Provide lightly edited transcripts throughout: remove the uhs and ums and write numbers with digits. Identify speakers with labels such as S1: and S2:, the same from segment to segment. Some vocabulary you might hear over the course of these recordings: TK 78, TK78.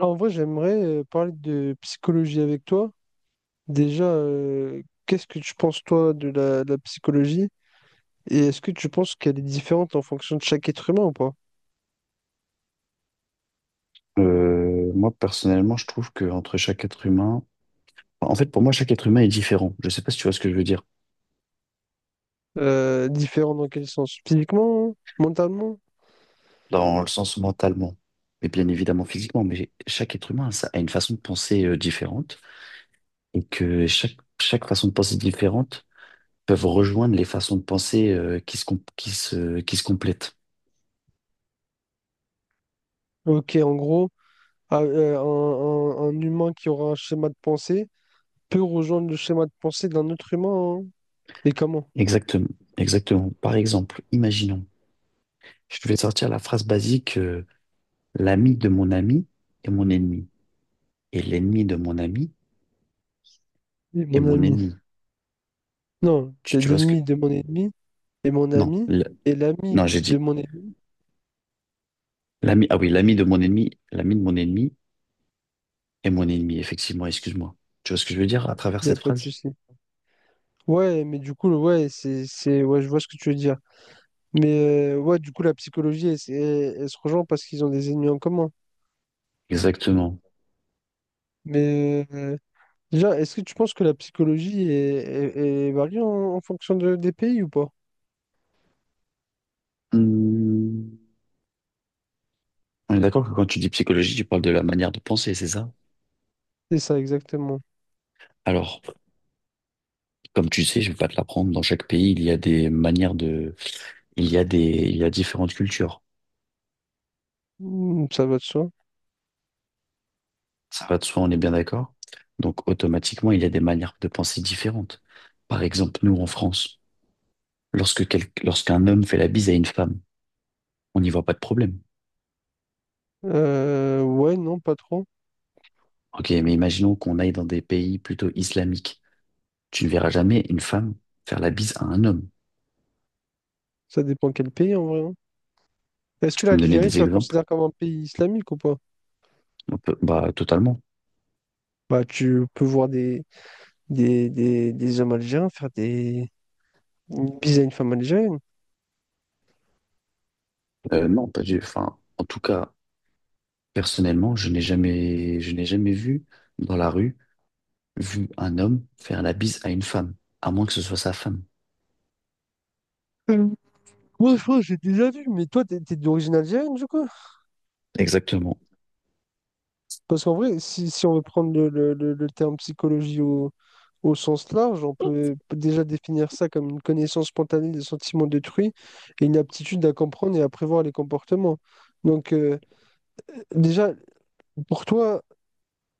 S1: En vrai, j'aimerais parler de psychologie avec toi. Déjà, qu'est-ce que tu penses, toi, de la psychologie? Et est-ce que tu penses qu'elle est différente en fonction de chaque être humain ou pas?
S2: Moi, personnellement, je trouve que entre chaque être humain, enfin, en fait, pour moi, chaque être humain est différent. Je sais pas si tu vois ce que je veux dire,
S1: Différente dans quel sens? Physiquement? Hein? Mentalement?
S2: dans le sens mentalement, et bien évidemment physiquement, mais chaque être humain ça, a une façon de penser différente, et que chaque façon de penser différente peuvent rejoindre les façons de penser qui se complètent.
S1: Ok, en gros, ah, euh, un, un humain qui aura un schéma de pensée peut rejoindre le schéma de pensée d'un autre humain, hein. Et comment?
S2: Exactement, exactement. Par exemple, imaginons, je vais sortir la phrase basique, l'ami de mon ami est mon ennemi, et l'ennemi de mon ami
S1: Oui,
S2: est
S1: mon
S2: mon
S1: ami.
S2: ennemi.
S1: Non,
S2: Tu,
S1: t'es
S2: tu vois ce que,
S1: l'ennemi de mon ennemi et mon
S2: Non,
S1: ami
S2: le-
S1: est l'ami
S2: non, j'ai
S1: de
S2: dit
S1: mon ennemi.
S2: l'ami. Ah oui, l'ami de mon ennemi est mon ennemi, effectivement, excuse-moi. Tu vois ce que je veux dire à
S1: Il
S2: travers
S1: n'y a
S2: cette
S1: pas de
S2: phrase?
S1: souci. Ouais, mais du coup, ouais, c'est, ouais, je vois ce que tu veux dire. Ouais, du coup, la psychologie, elle se rejoint parce qu'ils ont des ennemis en commun.
S2: Exactement.
S1: Mais euh, Déjà, est-ce que tu penses que la psychologie est variée en fonction des pays ou pas?
S2: Hmm, On est d'accord que quand tu dis psychologie, tu parles de la manière de penser, c'est ça?
S1: C'est ça exactement.
S2: Alors, comme tu sais, je vais pas te l'apprendre, dans chaque pays, il y a des, il y a différentes cultures.
S1: Ça va de soi.
S2: Ça va de soi, on est bien d'accord? Donc, automatiquement, il y a des manières de penser différentes. Par exemple, nous, en France, lorsqu'un homme fait la bise à une femme, on n'y voit pas de problème.
S1: Ouais, non, pas trop.
S2: Ok, mais imaginons qu'on aille dans des pays plutôt islamiques. Tu ne verras jamais une femme faire la bise à un homme.
S1: Ça dépend quel pays en vrai, hein. Est-ce que
S2: Tu peux me donner
S1: l'Algérie, tu
S2: des
S1: la
S2: exemples?
S1: considères comme un pays islamique ou pas?
S2: Bah, totalement.
S1: Bah, tu peux voir des hommes algériens faire des bises à une femme algérienne.
S2: Non, pas du. Enfin, en tout cas, personnellement, je n'ai jamais vu dans la rue, vu un homme faire la bise à une femme, à moins que ce soit sa femme.
S1: Ouais, je crois que j'ai déjà vu, mais toi, t'es d'origine algérienne, du coup?
S2: Exactement.
S1: Parce qu'en vrai, si on veut prendre le terme psychologie au sens large, on peut déjà définir ça comme une connaissance spontanée des sentiments d'autrui et une aptitude à comprendre et à prévoir les comportements. Donc, déjà, pour toi,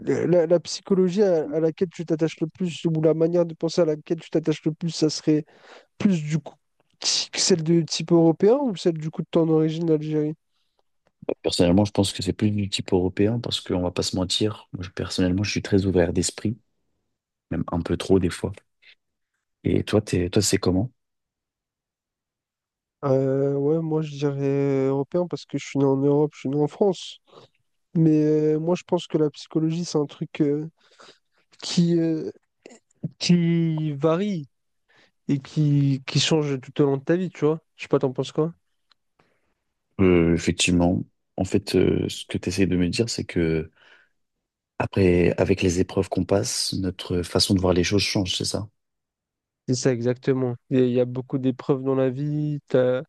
S1: la psychologie à laquelle tu t'attaches le plus, ou la manière de penser à laquelle tu t'attaches le plus, ça serait plus du coup celle de type européen ou celle du coup de ton origine d'Algérie?
S2: Personnellement, je pense que c'est plus du type européen parce qu'on va pas se mentir. Moi, personnellement, je suis très ouvert d'esprit, même un peu trop des fois. Et toi, toi, c'est comment?
S1: Ouais, moi je dirais européen parce que je suis né en Europe, je suis né en France. Moi je pense que la psychologie c'est un truc qui, euh, qui varie et qui change tout au long de ta vie, tu vois. Je sais pas, t'en penses quoi?
S2: Effectivement, en fait, ce que tu essayes de me dire, c'est que après, avec les épreuves qu'on passe, notre façon de voir les choses change, c'est ça?
S1: C'est ça exactement. Il y a beaucoup d'épreuves dans la vie. T'as,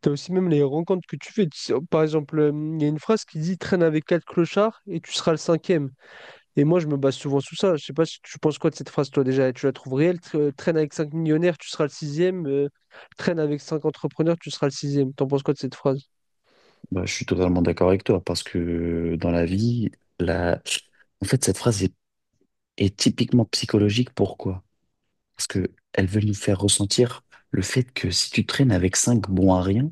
S1: t'as aussi même les rencontres que tu fais. Tu sais, par exemple, il y a une phrase qui dit, traîne avec quatre clochards et tu seras le cinquième. Et moi, je me base souvent sur ça. Je sais pas si tu penses quoi de cette phrase, toi, déjà. Tu la trouves réelle? Traîne avec 5 millionnaires, tu seras le sixième. Traîne avec 5 entrepreneurs, tu seras le sixième. T'en penses quoi de cette phrase?
S2: Bah, je suis totalement d'accord avec toi, parce que dans la vie, la... en fait, cette phrase est typiquement psychologique. Pourquoi? Parce que elle veut nous faire ressentir le fait que si tu traînes avec cinq bons à rien,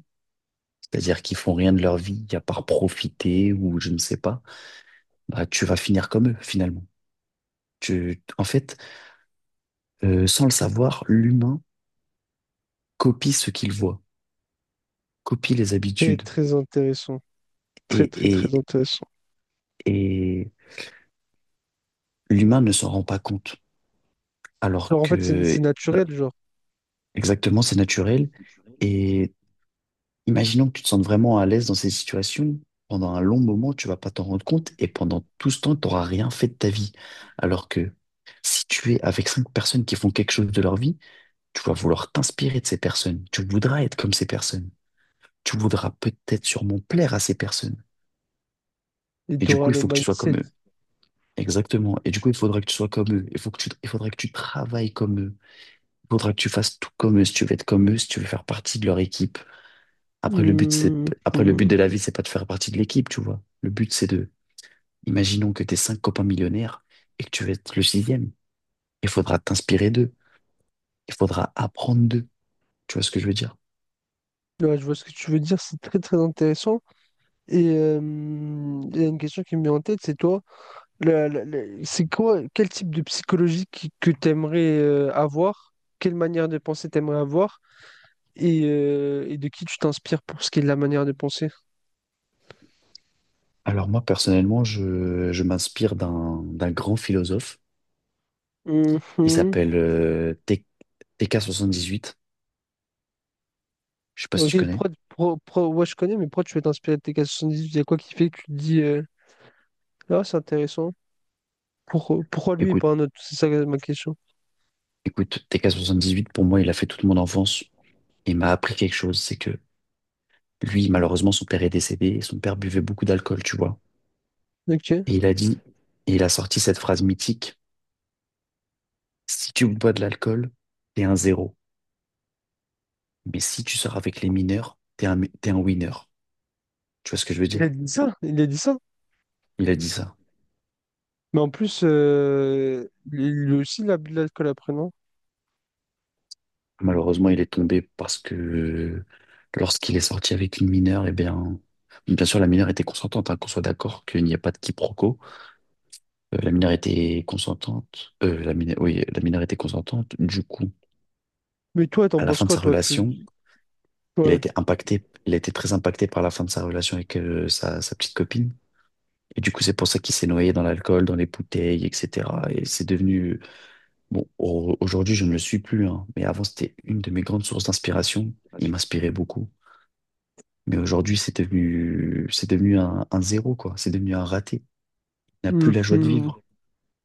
S2: c'est-à-dire qui font rien de leur vie, à part profiter ou je ne sais pas, bah, tu vas finir comme eux, finalement. En fait, sans le savoir, l'humain copie ce qu'il voit, copie les
S1: Très,
S2: habitudes.
S1: très intéressant. Très,
S2: Et,
S1: très,
S2: et,
S1: très intéressant.
S2: et l'humain ne s'en rend pas compte. Alors
S1: Genre, en fait, c'est
S2: que, bah,
S1: naturel, genre.
S2: exactement, c'est naturel. Et imaginons que tu te sentes vraiment à l'aise dans ces situations. Pendant un long moment, tu vas pas t'en rendre compte. Et pendant tout ce temps, tu n'auras rien fait de ta vie. Alors que si tu es avec cinq personnes qui font quelque chose de leur vie, tu vas vouloir t'inspirer de ces personnes. Tu voudras être comme ces personnes. Tu voudras peut-être sûrement plaire à ces personnes.
S1: Et
S2: Et
S1: tu
S2: du
S1: auras
S2: coup, il
S1: le
S2: faut que tu sois
S1: mindset.
S2: comme eux. Exactement. Et du coup, il faudra que tu sois comme eux. Il faudra que tu travailles comme eux. Il faudra que tu fasses tout comme eux si tu veux être comme eux, si tu veux faire partie de leur équipe. Après, le but, c'est,
S1: Hmm,
S2: après, le but
S1: hmm.
S2: de la vie, c'est pas de faire partie de l'équipe, tu vois. Le but, c'est de, imaginons que t'es cinq copains millionnaires et que tu veux être le sixième. Il faudra t'inspirer d'eux. Il faudra apprendre d'eux. Tu vois ce que je veux dire?
S1: Ouais, je vois ce que tu veux dire. C'est très, très intéressant. Et euh, il y a une question qui me vient en tête, c'est toi. C'est quoi, quel type de psychologie que tu aimerais avoir? Quelle manière de penser t'aimerais avoir? Et de qui tu t'inspires pour ce qui est de la manière de penser?
S2: Alors moi, personnellement, je m'inspire d'un grand philosophe. Il
S1: Mhm.
S2: s'appelle T- 18. Je sais pas si tu
S1: Ok,
S2: connais.
S1: ouais, je connais, mais pourquoi tu veux t'inspirer de TK 78? Il y a quoi qui fait que tu te dis, c'est intéressant. Pourquoi lui et
S2: Écoute,
S1: pas un autre? C'est ça ma question.
S2: Écoute, TK78, pour moi, il a fait toute mon enfance et m'a appris quelque chose. C'est que lui, malheureusement, son père est décédé et son père buvait beaucoup d'alcool, tu vois.
S1: Ok.
S2: Et il a dit, et il a sorti cette phrase mythique, si tu bois de l'alcool, t'es un zéro. Mais si tu sors avec les mineurs, t'es un winner. Tu vois ce que je veux
S1: Il a
S2: dire?
S1: dit ça, il a dit ça.
S2: Il a dit ça.
S1: Mais en plus, lui aussi, il a bu de l'alcool après, non?
S2: Malheureusement, il est tombé parce que lorsqu'il est sorti avec une mineure, eh bien, bien sûr, la mineure était consentante, hein, qu'on soit d'accord qu'il n'y a pas de quiproquo. La minorité consentante, oui, la minorité consentante, du coup,
S1: Mais toi, t'en
S2: à la
S1: penses
S2: fin de
S1: quoi,
S2: sa
S1: toi?
S2: relation,
S1: Tu...
S2: il a
S1: Ouais.
S2: été impacté, il a été très impacté par la fin de sa relation avec sa petite copine. Et du coup, c'est pour ça qu'il s'est noyé dans l'alcool, dans les bouteilles, etc. Et c'est devenu, bon, aujourd'hui, je ne le suis plus, hein, mais avant, c'était une de mes grandes sources d'inspiration. Il m'inspirait beaucoup. Mais aujourd'hui, c'est devenu un zéro, quoi. C'est devenu un raté. Il n'a plus la joie de
S1: Mhm.
S2: vivre.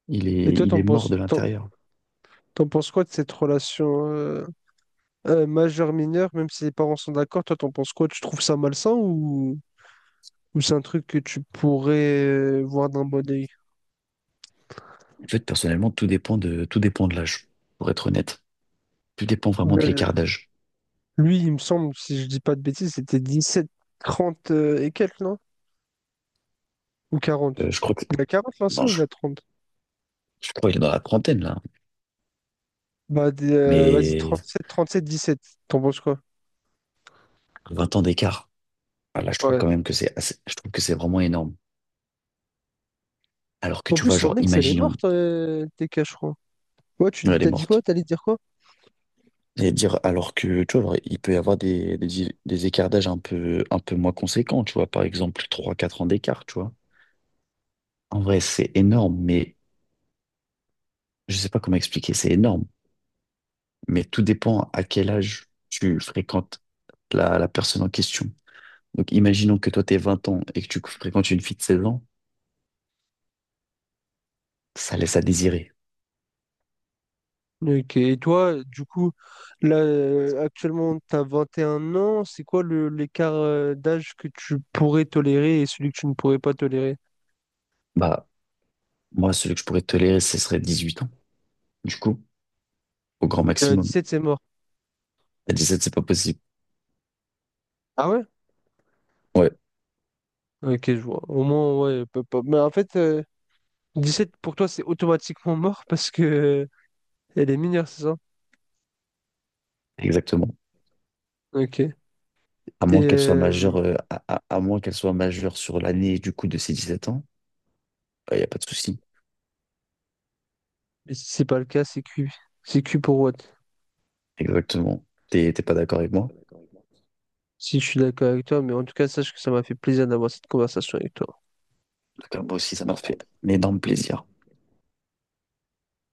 S2: Il
S1: Et
S2: est,
S1: toi,
S2: il est mort de l'intérieur.
S1: t'en penses quoi de cette relation? Majeur, mineur, même si les parents sont d'accord, toi, t'en penses quoi? Tu trouves ça malsain ou c'est un truc que tu pourrais voir d'un bon œil?
S2: En fait, personnellement, tout dépend de l'âge, pour être honnête. Tout dépend vraiment de
S1: Euh,
S2: l'écart d'âge.
S1: Lui, il me semble, si je dis pas de bêtises, c'était 17, 30 et quelques, non? Ou
S2: Euh,
S1: 40.
S2: je crois que,
S1: Il a 40 l'ancien
S2: non,
S1: ou
S2: je,
S1: il a 30.
S2: je crois qu'il est dans la trentaine, là.
S1: Bah, vas-y,
S2: Mais
S1: sept 17. T'en penses quoi?
S2: 20 ans d'écart, ah, là, je trouve
S1: Ouais.
S2: quand même que je trouve que c'est vraiment énorme. Alors que
S1: En
S2: tu
S1: plus,
S2: vois,
S1: son
S2: genre,
S1: ex, elle est
S2: imaginons,
S1: morte, TK, je crois. Ouais, tu dis,
S2: elle est
S1: t'as dit quoi?
S2: morte.
S1: T'allais dire quoi?
S2: Et dire, alors que, tu vois, genre, il peut y avoir des écarts d'âge un peu moins conséquents, tu vois. Par exemple, trois quatre ans d'écart, tu vois. En vrai, c'est énorme, mais je sais pas comment expliquer, c'est énorme. Mais tout dépend à quel âge tu fréquentes la personne en question. Donc, imaginons que toi, t'es 20 ans et que tu fréquentes une fille de 16 ans, ça laisse à désirer.
S1: Ok, et toi, du coup, là, actuellement, tu as 21 ans, c'est quoi l'écart d'âge que tu pourrais tolérer et celui que tu ne pourrais pas tolérer?
S2: Bah, moi, celui que je pourrais tolérer, ce serait 18 ans, du coup, au grand maximum.
S1: 17, c'est mort.
S2: À 17 c'est pas possible.
S1: Ah ouais?
S2: Ouais,
S1: Ok, je vois. Au moins, ouais. Mais en fait, 17, pour toi, c'est automatiquement mort, parce que elle est mineure, c'est ça?
S2: exactement.
S1: Ok.
S2: À moins qu'elle soit majeure,
S1: Euh,
S2: à moins qu'elle soit majeure sur l'année, du coup, de ses 17 ans, il n'y a pas de souci.
S1: et si c'est pas le cas, c'est cuit. C'est cuit pour what?
S2: Exactement. T'es pas d'accord avec moi?
S1: Si je suis d'accord avec toi, mais en tout cas, sache que ça m'a fait plaisir d'avoir cette conversation avec toi.
S2: D'accord, moi aussi, ça m'a fait un énorme plaisir.